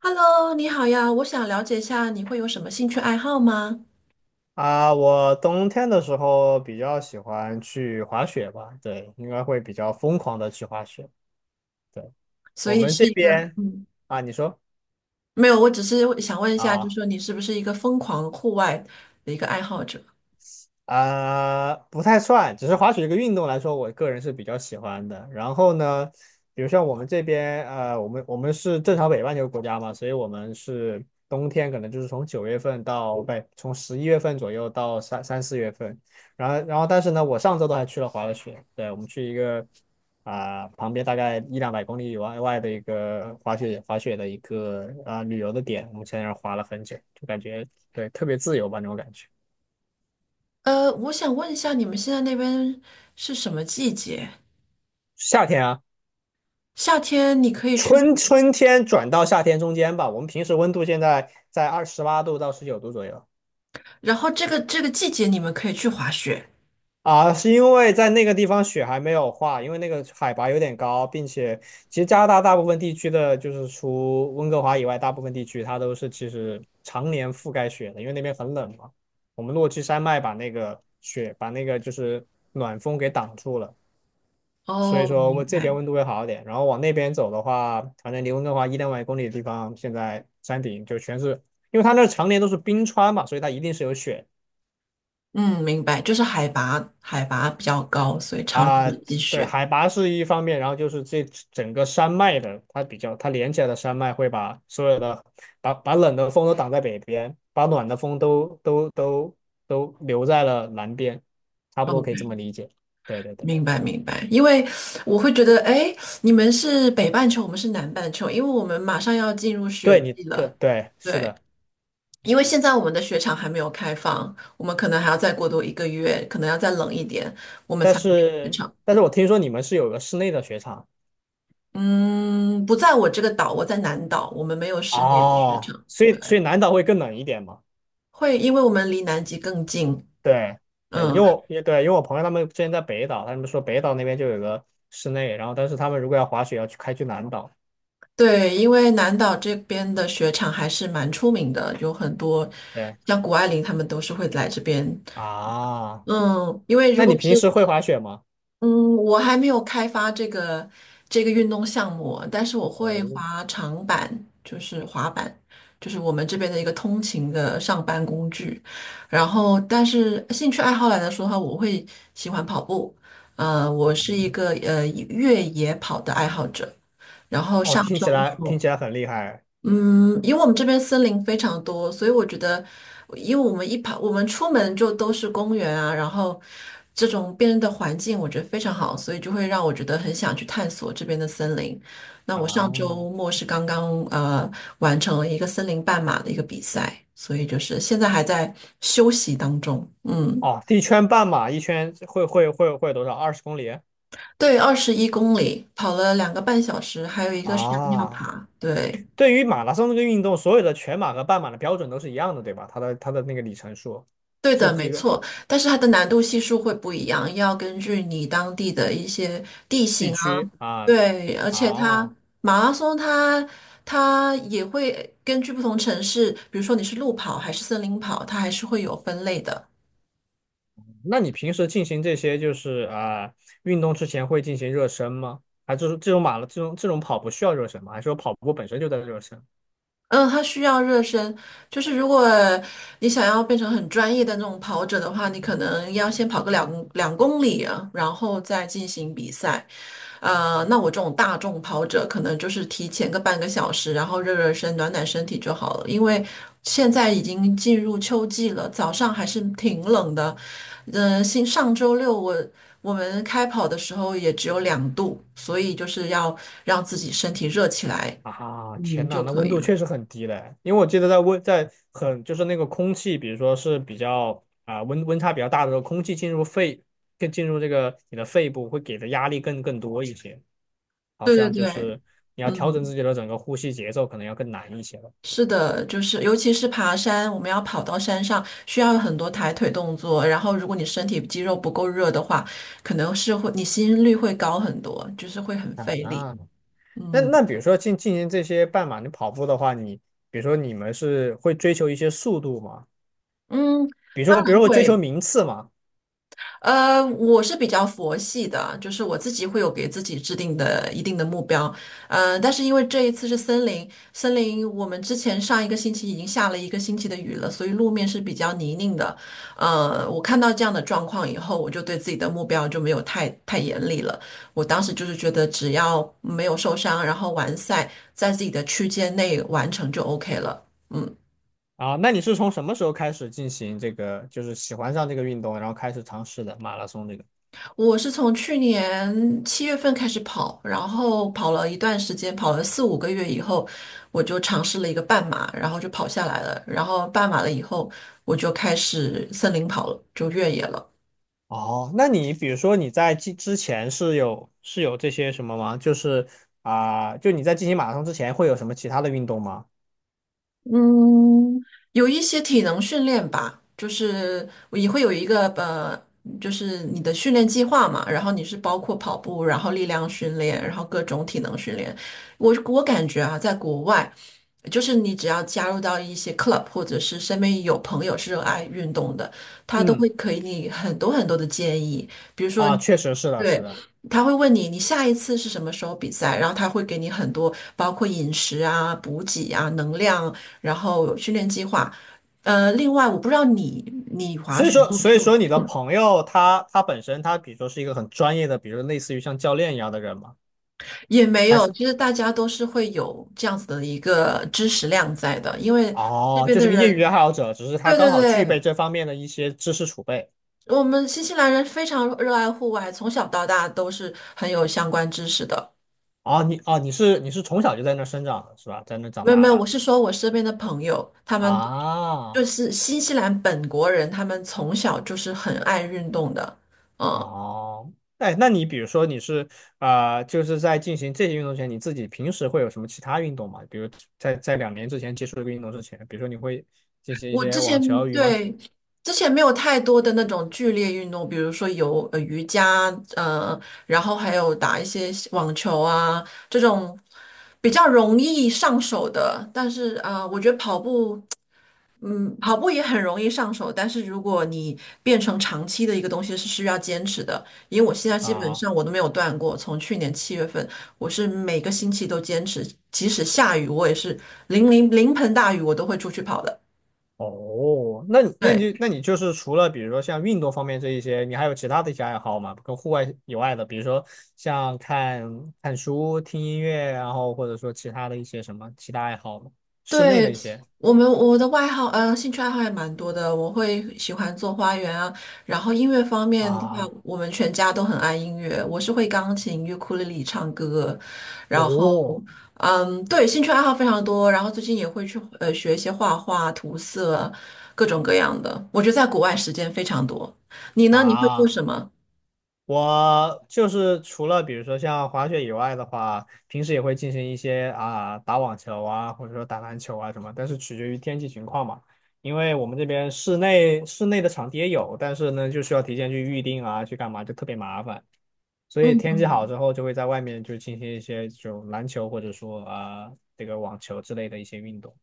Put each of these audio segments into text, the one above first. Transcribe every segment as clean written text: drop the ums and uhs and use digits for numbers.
Hello，你好呀，我想了解一下你会有什么兴趣爱好吗？啊，我冬天的时候比较喜欢去滑雪吧，对，应该会比较疯狂的去滑雪。对，所我以们是这一个，边啊，你说没有，我只是想问一下，就是啊。说你是不是一个疯狂户外的一个爱好者？不太算，只是滑雪这个运动来说，我个人是比较喜欢的。然后呢，比如像我们这边，我们是正常北半球国家嘛，所以我们是冬天可能就是从9月份到不对，从11月份左右到三四月份。然后但是呢，我上周都还去了滑了雪，对，我们去一个旁边大概一两百公里以外的一个滑雪的一个旅游的点，我们在那儿滑了很久，就感觉对，特别自由吧那种感觉。我想问一下，你们现在那边是什么季节？夏天啊。夏天你可以去，春天转到夏天中间吧，我们平时温度现在在28度到19度左右。然后这个季节你们可以去滑雪。啊，是因为在那个地方雪还没有化，因为那个海拔有点高，并且其实加拿大大部分地区的，就是除温哥华以外，大部分地区它都是其实常年覆盖雪的，因为那边很冷嘛。我们落基山脉把那个雪，把那个就是暖风给挡住了。所以哦，说我明这边白。温度会好一点。然后往那边走的话，反正离温哥华一两百公里的地方，现在山顶就全是，因为它那常年都是冰川嘛，所以它一定是有雪嗯，明白，就是海拔比较高，所以常年啊。有积对，雪。海拔是一方面，然后就是这整个山脉的，它比较它连起来的山脉会把所有的把冷的风都挡在北边，把暖的风都留在了南边，差不多可以这么理解。对对对，明白明白，因为我会觉得，哎，你们是北半球，我们是南半球，因为我们马上要进入对雪你季对了。对是的，对，因为现在我们的雪场还没有开放，我们可能还要再过多一个月，可能要再冷一点，我们但才会去雪是场。但是我听说你们是有个室内的雪场。嗯，不在我这个岛，我在南岛，我们没有室内的雪哦，场。所对，以所以南岛会更冷一点嘛？会因为我们离南极更近。对，对，因为嗯，我也对，因为我朋友他们之前在北岛，他们说北岛那边就有个室内，然后但是他们如果要滑雪，要去开去南岛。对，因为南岛这边的雪场还是蛮出名的，有很多对像谷爱凌他们都是会来这边。啊，嗯，因为如那你果是平时会滑雪吗？嗯，我还没有开发这个运动项目，但是我会哦，滑长板，就是滑板，就是我们这边的一个通勤的上班工具。然后，但是兴趣爱好来说的话，我会喜欢跑步。我是一个越野跑的爱好者。然后哦，上听周起来听末。起来很厉害嗯，因为我们这边森林非常多，所以我觉得，因为我们一跑，我们出门就都是公园啊，然后这种变的环境，我觉得非常好，所以就会让我觉得很想去探索这边的森林。那我上啊！周末是刚刚完成了一个森林半马的一个比赛，所以就是现在还在休息当中。嗯，哦，一圈半马，一圈会多少？20公里对，21公里，跑了2个半小时，还有一个山尿啊？爬。对。对于马拉松这个运动，所有的全马和半马的标准都是一样的，对吧？它的那个里程数对是的，没几个？错，但是它的难度系数会不一样，要根据你当地的一些地地形啊，区啊。对，而且它哦，马拉松它它也会根据不同城市，比如说你是路跑还是森林跑，它还是会有分类的。那你平时进行这些就是运动之前会进行热身吗？还是这种马拉这种这种跑步需要热身吗？还是说跑步本身就在热身？嗯，它需要热身，就是如果你想要变成很专业的那种跑者的话，你可能要先跑个两公里啊，然后再进行比赛。那我这种大众跑者可能就是提前个半个小时，然后热热身、暖暖身体就好了。因为现在已经进入秋季了，早上还是挺冷的。上周六我们开跑的时候也只有2度，所以就是要让自己身体热起来，啊，天呐，就那可温以度了。确实很低嘞，因为我记得在温在很就是那个空气，比如说是比较温差比较大的时候，空气进入肺，更进入这个你的肺部会给的压力更多一些，好对对像就对，是你要调整自嗯。己的整个呼吸节奏，可能要更难一些了。是的，就是尤其是爬山，我们要跑到山上，需要很多抬腿动作。然后，如果你身体肌肉不够热的话，可能是会你心率会高很多，就是会很啊，费力。那嗯那比如说进行这些半马你跑步的话，你比如说你们是会追求一些速度吗？嗯，比如当说，比如然说会追求会。名次吗？我是比较佛系的，就是我自己会有给自己制定的一定的目标，但是因为这一次是森林，森林我们之前上一个星期已经下了一个星期的雨了，所以路面是比较泥泞的，我看到这样的状况以后，我就对自己的目标就没有太严厉了，我当时就是觉得只要没有受伤，然后完赛在自己的区间内完成就 OK 了，嗯。啊，那你是从什么时候开始进行这个，就是喜欢上这个运动，然后开始尝试的马拉松这个？我是从去年七月份开始跑，然后跑了一段时间，跑了四五个月以后，我就尝试了一个半马，然后就跑下来了。然后半马了以后，我就开始森林跑了，就越野了。哦，那你比如说你在之前是有这些什么吗？就是就你在进行马拉松之前会有什么其他的运动吗？嗯，有一些体能训练吧，就是我也会有一个就是你的训练计划嘛，然后你是包括跑步，然后力量训练，然后各种体能训练。我感觉啊，在国外。就是你只要加入到一些 club,或者是身边有朋友是热爱运动的，他都嗯，会给你很多很多的建议。比如说，啊，确实是的，是对，的。他会问你你下一次是什么时候比赛，然后他会给你很多包括饮食啊、补给啊、能量，然后训练计划。另外我不知道你滑所以雪说，部所以数，说你的嗯朋友他本身他比如说是一个很专业的，比如类似于像教练一样的人嘛。也没还有，是其实大家都是会有这样子的一个知识量在的，因为这哦，边就的是个业余人，爱好者，只是他对刚对好具备对。这方面的一些知识储备。我们新西兰人非常热爱户外，从小到大都是很有相关知识的。哦,你是从小就在那儿生长的是吧？在那儿长没有没大有，的我是说我身边的朋友，他们啊，就是新西兰本国人，他们从小就是很爱运动的。嗯，哦，哎，那你比如说你是就是在进行这些运动前，你自己平时会有什么其他运动吗？比如在2年之前接触这个运动之前，比如说你会进行一我些之前网球、羽毛球对之前没有太多的那种剧烈运动，比如说有瑜伽，呃，然后还有打一些网球啊这种比较容易上手的。但是啊、我觉得跑步。嗯，跑步也很容易上手，但是如果你变成长期的一个东西，是需要坚持的。因为我现在基本啊。上我都没有断过，从去年七月份，我是每个星期都坚持，即使下雨，我也是淋盆大雨，我都会出去跑的。哦，那你那对，你那你就是除了比如说像运动方面这一些，你还有其他的一些爱好吗？跟户外以外的，比如说像看看书、听音乐，然后或者说其他的一些什么其他爱好吗？室内的对，一些我的外号，兴趣爱好也蛮多的。我会喜欢做花园啊，然后音乐方面的话，啊，我们全家都很爱音乐。我是会钢琴、尤克里里、唱歌，然后，哦嗯，对，兴趣爱好非常多。然后最近也会去学一些画画、涂色，各种各样的。我觉得在国外时间非常多。你呢？你会做啊。什么？我就是除了比如说像滑雪以外的话，平时也会进行一些啊打网球啊，或者说打篮球啊什么，但是取决于天气情况嘛。因为我们这边室内的场地也有，但是呢就需要提前去预定啊，去干嘛就特别麻烦。所以嗯天气好嗯，之后，就会在外面就进行一些这种篮球或者说这个网球之类的一些运动。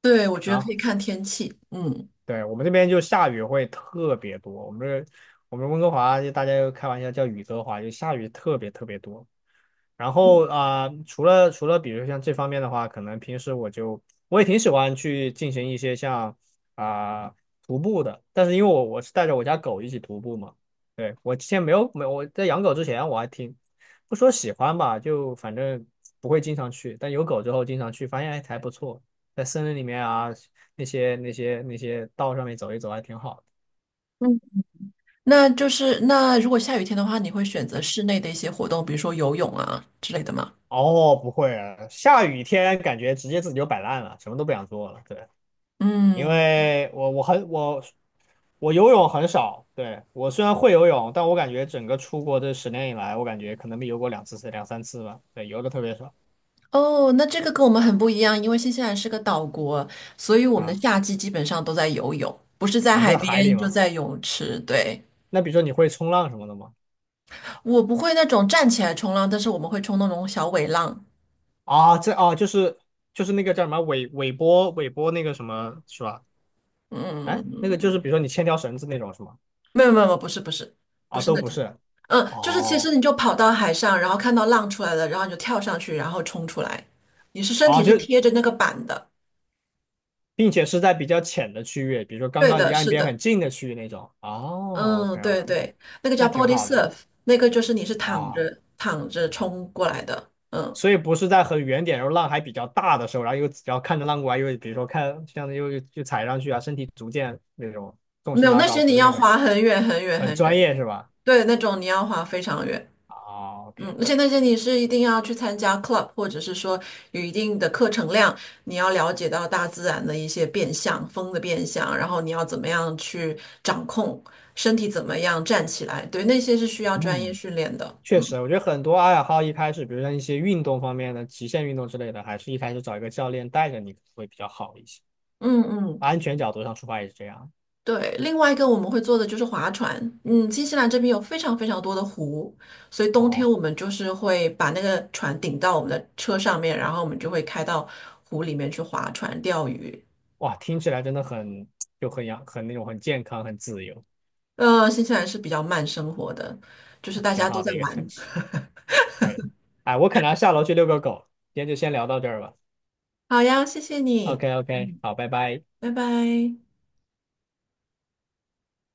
对，我觉得然可后以看天气。嗯。对，我们这边就下雨会特别多，我们温哥华就大家就开玩笑叫雨哥华，就下雨特别特别多。然后除了比如像这方面的话，可能平时我就我也挺喜欢去进行一些像啊、徒步的，但是因为我我是带着我家狗一起徒步嘛，对，我之前没有我在养狗之前我还挺不说喜欢吧，就反正不会经常去，但有狗之后经常去，发现哎还不错，在森林里面啊那些道上面走一走还挺好的。那就是那如果下雨天的话，你会选择室内的一些活动，比如说游泳啊之类的吗？哦，不会啊，下雨天感觉直接自己就摆烂了，什么都不想做了，对。因嗯，为我游泳很少，对，我虽然会游泳，但我感觉整个出国这10年以来，我感觉可能没游过两次两三次吧，对，游的特别少哦，那这个跟我们很不一样，因为新西兰是个岛国，所以我们的啊夏季基本上都在游泳，不是在啊,海这海里边就嘛。在泳池。对，那比如说你会冲浪什么的吗？我不会那种站起来冲浪，但是我们会冲那种小尾浪。啊，这啊就是那个叫什么尾波那个什么是吧？哎，那嗯，个就是比如说你牵条绳子那种是吗？没有没有没有，不是不是不啊，是都那不种，是。嗯，就是其哦，实你就跑到海上，然后看到浪出来了，然后你就跳上去，然后冲出来，你是身哦，体是就贴着那个板的。并且是在比较浅的区域，比如说刚对刚离的，岸是边很的，近的区域那种。哦嗯，，OK 对 OK,对，那个叫 那挺 body 好的。surf,那个就是你是躺啊，着躺着冲过来的，嗯，所以不是在很远点，然后浪还比较大的时候，然后又只要看着浪过来，又比如说看像又踩上去啊，身体逐渐那种重没心有拉那高，些不你是要那种滑很远很很专远，业是吧？对，那种你要滑非常远，啊嗯，，OK,而且那些你是一定要去参加 club,或者是说有一定的课程量，你要了解到大自然的一些变相，风的变相，然后你要怎么样去掌控身体怎么样站起来，对，那些是需要专业嗯，训练的，确嗯实，我觉得很多爱好一开始，比如像一些运动方面的极限运动之类的，还是一开始找一个教练带着你会比较好一些，嗯嗯。安全角度上出发也是这样。对，另外一个我们会做的就是划船。嗯，新西兰这边有非常非常多的湖，所以冬天哦，我们就是会把那个船顶到我们的车上面，然后我们就会开到湖里面去划船钓鱼。哇，听起来真的很就很阳很那种很健康很自由，新西兰是比较慢生活的，就是大挺家都好在的一个城玩。市。可以。哎，我可能要下楼去遛个狗，今天就先聊到这儿吧。好呀，谢谢 OK 你，OK,嗯，好，拜拜。拜拜。